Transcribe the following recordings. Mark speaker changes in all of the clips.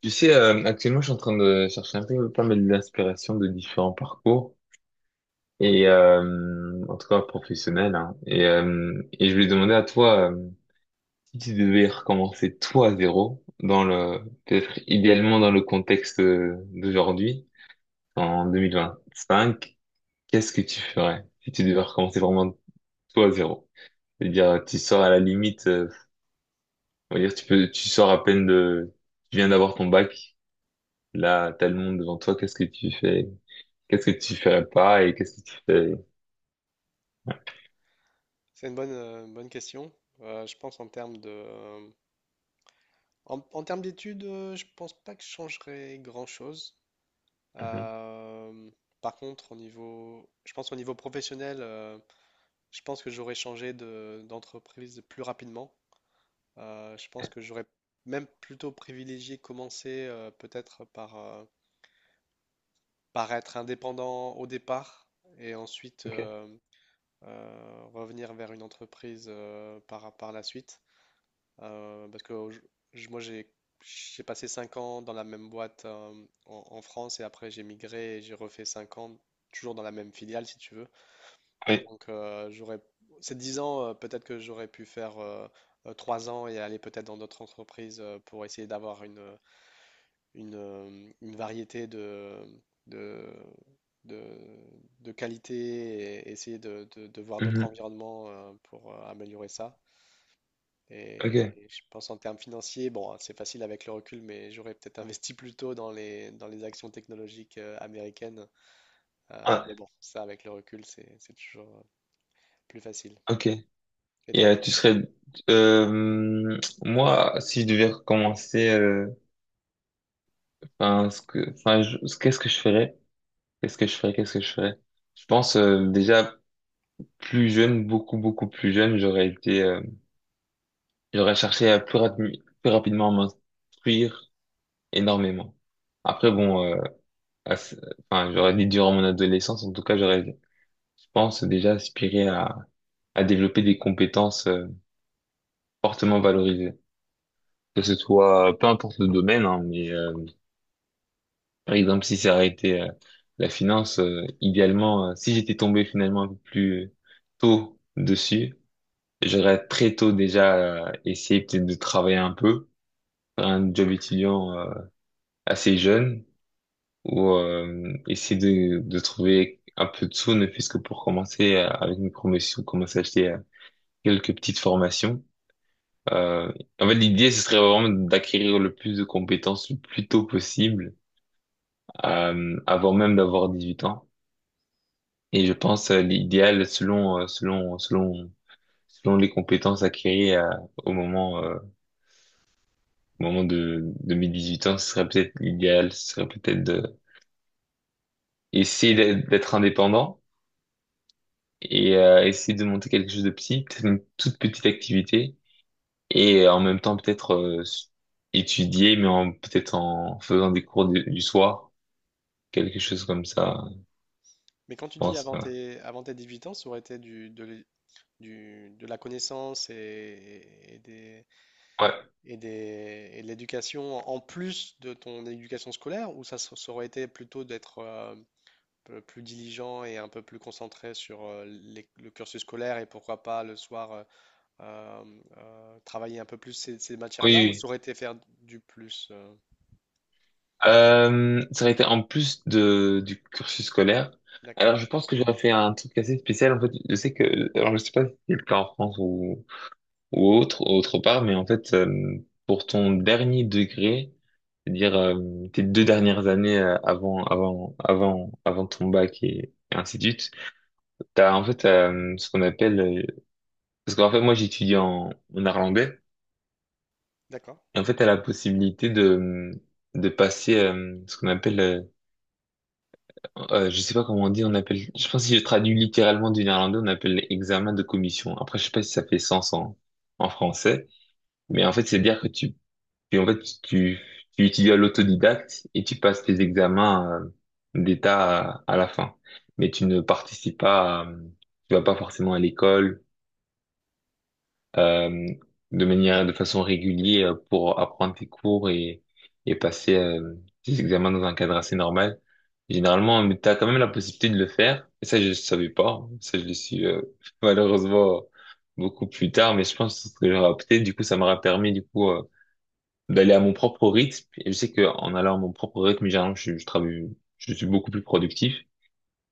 Speaker 1: Tu sais, actuellement, je suis en train de chercher un peu pas mal d'inspiration de différents parcours, et en tout cas professionnels, hein. Et je voulais demander à toi, si tu devais recommencer toi à zéro, dans le, peut-être idéalement dans le contexte, d'aujourd'hui, en 2025, qu'est-ce que tu ferais si tu devais recommencer vraiment toi à zéro? C'est-à-dire, tu sors à la limite, on va dire, tu peux, tu sors à peine de, tu viens d'avoir ton bac, là, t'as le monde devant toi, qu'est-ce que tu fais? Qu'est-ce que tu ferais pas et qu'est-ce que tu fais?
Speaker 2: C'est une bonne question. Je pense en termes de, en termes d'études, je pense pas que je changerais grand-chose.
Speaker 1: Mhm.
Speaker 2: Euh, par contre, au niveau, je pense au niveau professionnel, je pense que j'aurais changé de, d'entreprise plus rapidement. Je pense que j'aurais même plutôt privilégié commencer peut-être par, par être indépendant au départ et ensuite
Speaker 1: Ok.
Speaker 2: revenir vers une entreprise par, par la suite. Parce que moi, j'ai passé 5 ans dans la même boîte en, en France et après j'ai migré et j'ai refait 5 ans toujours dans la même filiale, si tu veux.
Speaker 1: Oui.
Speaker 2: Donc, j'aurais ces 10 ans, peut-être que j'aurais pu faire 3 ans et aller peut-être dans d'autres entreprises pour essayer d'avoir une, une variété de, de, de, de qualité et essayer de, de voir d'autres
Speaker 1: Mhm.
Speaker 2: environnements pour améliorer ça.
Speaker 1: Ok.
Speaker 2: Et je pense en termes financiers, bon, c'est facile avec le recul, mais j'aurais peut-être investi plus tôt dans les actions technologiques américaines. Mais
Speaker 1: Ah,
Speaker 2: bon, ça avec le recul, c'est toujours plus facile.
Speaker 1: ok.
Speaker 2: Et
Speaker 1: Et
Speaker 2: toi?
Speaker 1: tu serais, euh, moi si je devais recommencer, enfin ce que enfin qu'est-ce que je ferais? Qu'est-ce que je ferais? Qu'est-ce que je ferais? Je pense, déjà plus jeune, beaucoup beaucoup plus jeune, j'aurais été, j'aurais cherché à plus, plus rapidement m'instruire énormément. Après bon, à ce- enfin j'aurais dit durant mon adolescence en tout cas j'aurais je pense déjà aspiré à développer des compétences, fortement valorisées. Que ce soit, peu importe le domaine, hein, mais par exemple, si ça aurait été, la finance, idéalement, si j'étais tombé finalement un peu plus tôt dessus, j'aurais très tôt déjà, essayé peut-être de travailler un peu, faire un job étudiant, assez jeune, ou essayer de trouver un peu de sous, ne fût-ce que pour commencer, avec une promotion, commencer à acheter, quelques petites formations. Euh, En fait, l'idée, ce serait vraiment d'acquérir le plus de compétences le plus tôt possible, avant même d'avoir 18 ans. Et je pense, l'idéal, selon les compétences acquises, au moment, euh, au moment de mes 18 ans, ce serait peut-être l'idéal, ce serait peut-être de essayer d'être indépendant et essayer de monter quelque chose de petit, peut-être une toute petite activité, et en même temps peut-être, étudier, mais en peut-être en faisant des cours du soir quelque chose comme ça,
Speaker 2: Mais quand
Speaker 1: je
Speaker 2: tu dis
Speaker 1: pense. Ouais.
Speaker 2: avant tes 18 ans, ça aurait été du, de, de la connaissance et des,
Speaker 1: Ouais.
Speaker 2: et des, et de l'éducation en plus de ton éducation scolaire, ou ça, ça aurait été plutôt d'être peu plus diligent et un peu plus concentré sur le cursus scolaire et pourquoi pas le soir euh, travailler un peu plus ces, ces
Speaker 1: Oui,
Speaker 2: matières-là ou ça
Speaker 1: oui.
Speaker 2: aurait été faire du plus euh.
Speaker 1: Ça aurait été en plus du cursus scolaire.
Speaker 2: D'accord,
Speaker 1: Alors, je pense que j'aurais fait un truc assez spécial. En fait, je sais que, alors je sais pas si c'est le cas en France ou autre part, mais en fait, pour ton dernier degré, c'est-à-dire, tes deux dernières années, avant ton bac, et ainsi de suite, t'as en fait, parce qu'en fait, moi, j'étudie en néerlandais.
Speaker 2: d'accord.
Speaker 1: Et en fait, t'as la possibilité de passer, je sais pas comment on dit, on appelle, je pense que si je traduis littéralement du néerlandais, on appelle l'examen de commission. Après, je sais pas si ça fait sens en français, mais en fait, c'est dire que en fait, tu, tu étudies à l'autodidacte et tu passes tes examens, d'état à la fin. Mais tu ne participes pas, tu vas pas forcément à l'école, euh, de manière, de façon régulière, pour apprendre tes cours, et passer, tes examens dans un cadre assez normal. Généralement, tu as quand même la possibilité de le faire. Et ça, je ne savais pas. Ça, je le suis, malheureusement beaucoup plus tard, mais je pense que j'aurais opté. Du coup, ça m'aura permis du coup, d'aller à mon propre rythme. Et je sais qu'en allant à mon propre rythme, généralement, je travaille, je suis beaucoup plus productif.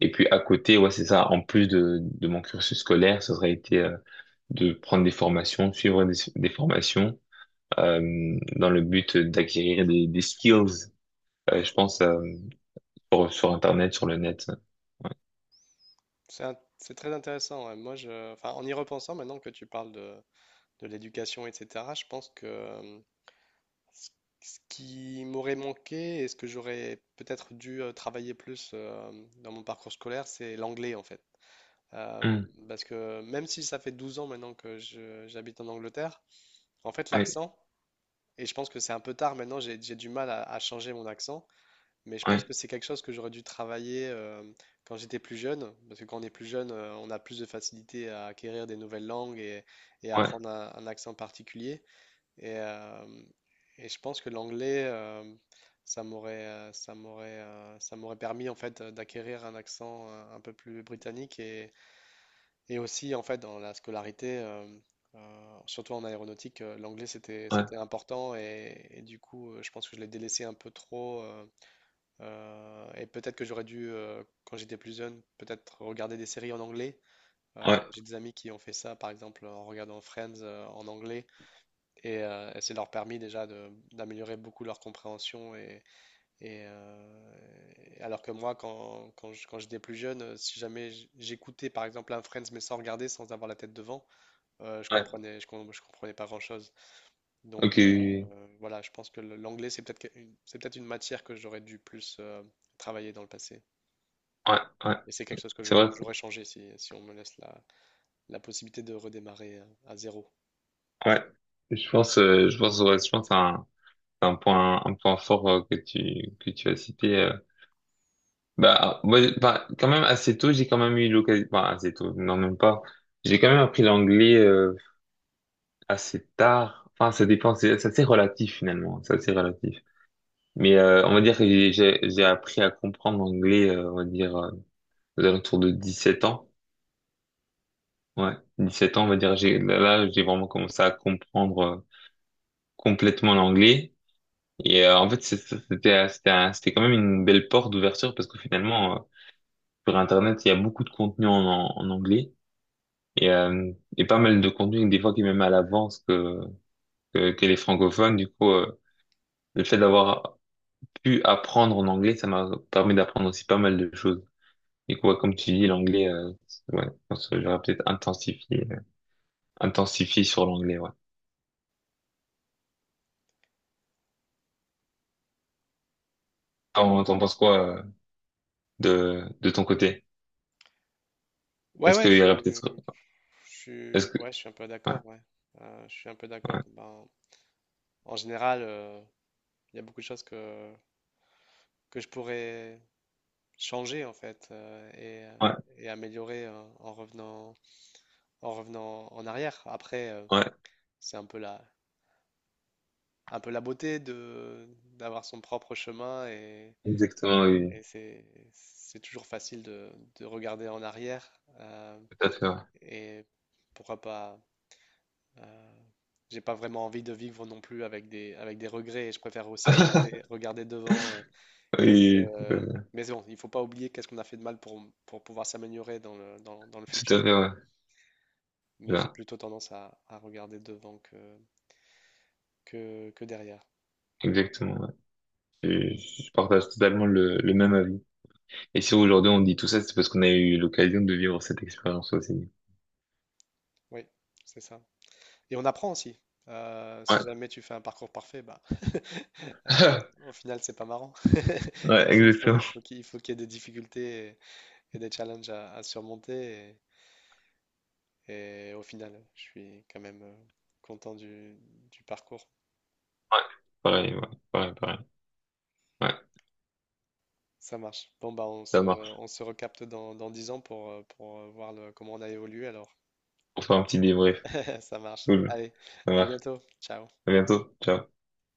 Speaker 1: Et puis à côté, ouais, c'est ça. En plus de mon cursus scolaire, ça aurait été, de prendre des formations, suivre des formations, dans le but d'acquérir des skills, je pense, sur Internet, sur le net.
Speaker 2: C'est très intéressant. Ouais. Moi, je, enfin, en y repensant, maintenant que tu parles de l'éducation, etc., je pense que ce ce qui m'aurait manqué et ce que j'aurais peut-être dû travailler plus dans mon parcours scolaire, c'est l'anglais, en fait. Euh,
Speaker 1: Hmm.
Speaker 2: Parce que même si ça fait 12 ans maintenant que j'habite en Angleterre, en fait
Speaker 1: Ouais,
Speaker 2: l'accent, et je pense que c'est un peu tard maintenant, j'ai du mal à changer mon accent, mais je pense
Speaker 1: ouais,
Speaker 2: que c'est quelque chose que j'aurais dû travailler quand j'étais plus jeune, parce que quand on est plus jeune, on a plus de facilité à acquérir des nouvelles langues et
Speaker 1: ouais,
Speaker 2: apprendre un accent particulier. Et, euh, et je pense que l'anglais, ça m'aurait permis en fait d'acquérir un accent un peu plus britannique et aussi, en fait, dans la scolarité, surtout en aéronautique, l'anglais, c'était,
Speaker 1: ouais,
Speaker 2: c'était important. Et du coup, je pense que je l'ai délaissé un peu trop. Et peut-être que j'aurais dû, quand j'étais plus jeune, peut-être regarder des séries en anglais.
Speaker 1: ouais,
Speaker 2: J'ai des amis qui ont fait ça, par exemple, en regardant Friends, en anglais. Et ça leur a permis déjà d'améliorer beaucoup leur compréhension. Et, alors que moi, quand, quand j'étais plus jeune, si jamais j'écoutais, par exemple, un Friends, mais sans regarder, sans avoir la tête devant, je
Speaker 1: ouais.
Speaker 2: comprenais, je comprenais pas grand-chose. Donc
Speaker 1: Ok, ouais,
Speaker 2: voilà, je pense que l'anglais, c'est peut-être une matière que j'aurais dû plus travailler dans le passé.
Speaker 1: ouais.
Speaker 2: Et c'est quelque chose que
Speaker 1: C'est vrai que,
Speaker 2: j'aurais changé si, si on me laisse la, la possibilité de redémarrer à zéro.
Speaker 1: ouais. Je pense, ouais, je pense à un point fort, que tu as cité. Bah, moi, bah, quand même assez tôt, j'ai quand même eu l'occasion, bah, assez tôt, non, même pas. J'ai quand même appris l'anglais, assez tard. Enfin, ça dépend, c'est assez relatif finalement, c'est assez relatif. Mais on va dire que j'ai appris à comprendre l'anglais, on va dire, aux alentours de 17 ans. Ouais, 17 ans, on va dire, j'ai là, là, j'ai vraiment commencé à comprendre, complètement l'anglais. Et en fait, c'était, c'était quand même une belle porte d'ouverture parce que finalement, sur Internet, il y a beaucoup de contenu en anglais. Et, euh, et pas mal de contenu, des fois qui est même à l'avance que, les francophones. Du coup, le fait d'avoir pu apprendre en anglais, ça m'a permis d'apprendre aussi pas mal de choses. Du coup, ouais, comme tu dis, l'anglais, ouais, je pense que j'aurais peut-être intensifié, intensifié sur l'anglais, ouais. T'en penses quoi, de ton côté?
Speaker 2: Ouais,
Speaker 1: Est-ce
Speaker 2: ouais,
Speaker 1: qu'il y aurait peut-être, est-ce que,
Speaker 2: je suis un peu
Speaker 1: ouais,
Speaker 2: d'accord, ouais. Je suis un peu d'accord.
Speaker 1: ouais,
Speaker 2: Ben, en général, il y a beaucoup de choses que je pourrais changer, en fait,
Speaker 1: ouais,
Speaker 2: et améliorer en revenant, en revenant en arrière. Après, euh.
Speaker 1: ouais,
Speaker 2: C'est un peu la beauté de d'avoir son propre chemin
Speaker 1: exactement, oui,
Speaker 2: et c'est toujours facile de regarder en arrière euh,
Speaker 1: tout à fait, ouais.
Speaker 2: et pourquoi pas. euh, j'ai pas vraiment envie de vivre non plus avec des regrets et je préfère aussi regarder regarder devant. Qu'est-ce
Speaker 1: Oui,
Speaker 2: que mais c'est bon, il faut pas oublier qu'est-ce qu'on a fait de mal pour pouvoir s'améliorer dans le dans, dans le
Speaker 1: tout à
Speaker 2: futur.
Speaker 1: fait, ouais.
Speaker 2: Mais j'ai
Speaker 1: Là,
Speaker 2: plutôt tendance à regarder devant que derrière.
Speaker 1: exactement, ouais. Je, je partage totalement le même avis. Et si aujourd'hui on dit tout ça, c'est parce qu'on a eu l'occasion de vivre cette expérience aussi.
Speaker 2: Oui, c'est ça. Et on apprend aussi. Si
Speaker 1: Ouais,
Speaker 2: jamais tu fais un parcours parfait, bah, euh, au final, c'est pas marrant.
Speaker 1: ouais,
Speaker 2: Il
Speaker 1: exactement.
Speaker 2: il faut qu'il y ait des difficultés et des challenges à surmonter. Et au final, je suis quand même content du parcours.
Speaker 1: Ouais, ouais, pareil, pareil. Ouais,
Speaker 2: Ça marche. Bon, bah,
Speaker 1: ça marche.
Speaker 2: on se recapte dans, dans 10 ans pour voir comment on a évolué alors.
Speaker 1: On fait un petit débrief.
Speaker 2: Ça marche.
Speaker 1: Cool.
Speaker 2: Allez,
Speaker 1: Ça
Speaker 2: à
Speaker 1: marche.
Speaker 2: bientôt. Ciao.
Speaker 1: À bientôt. Ciao.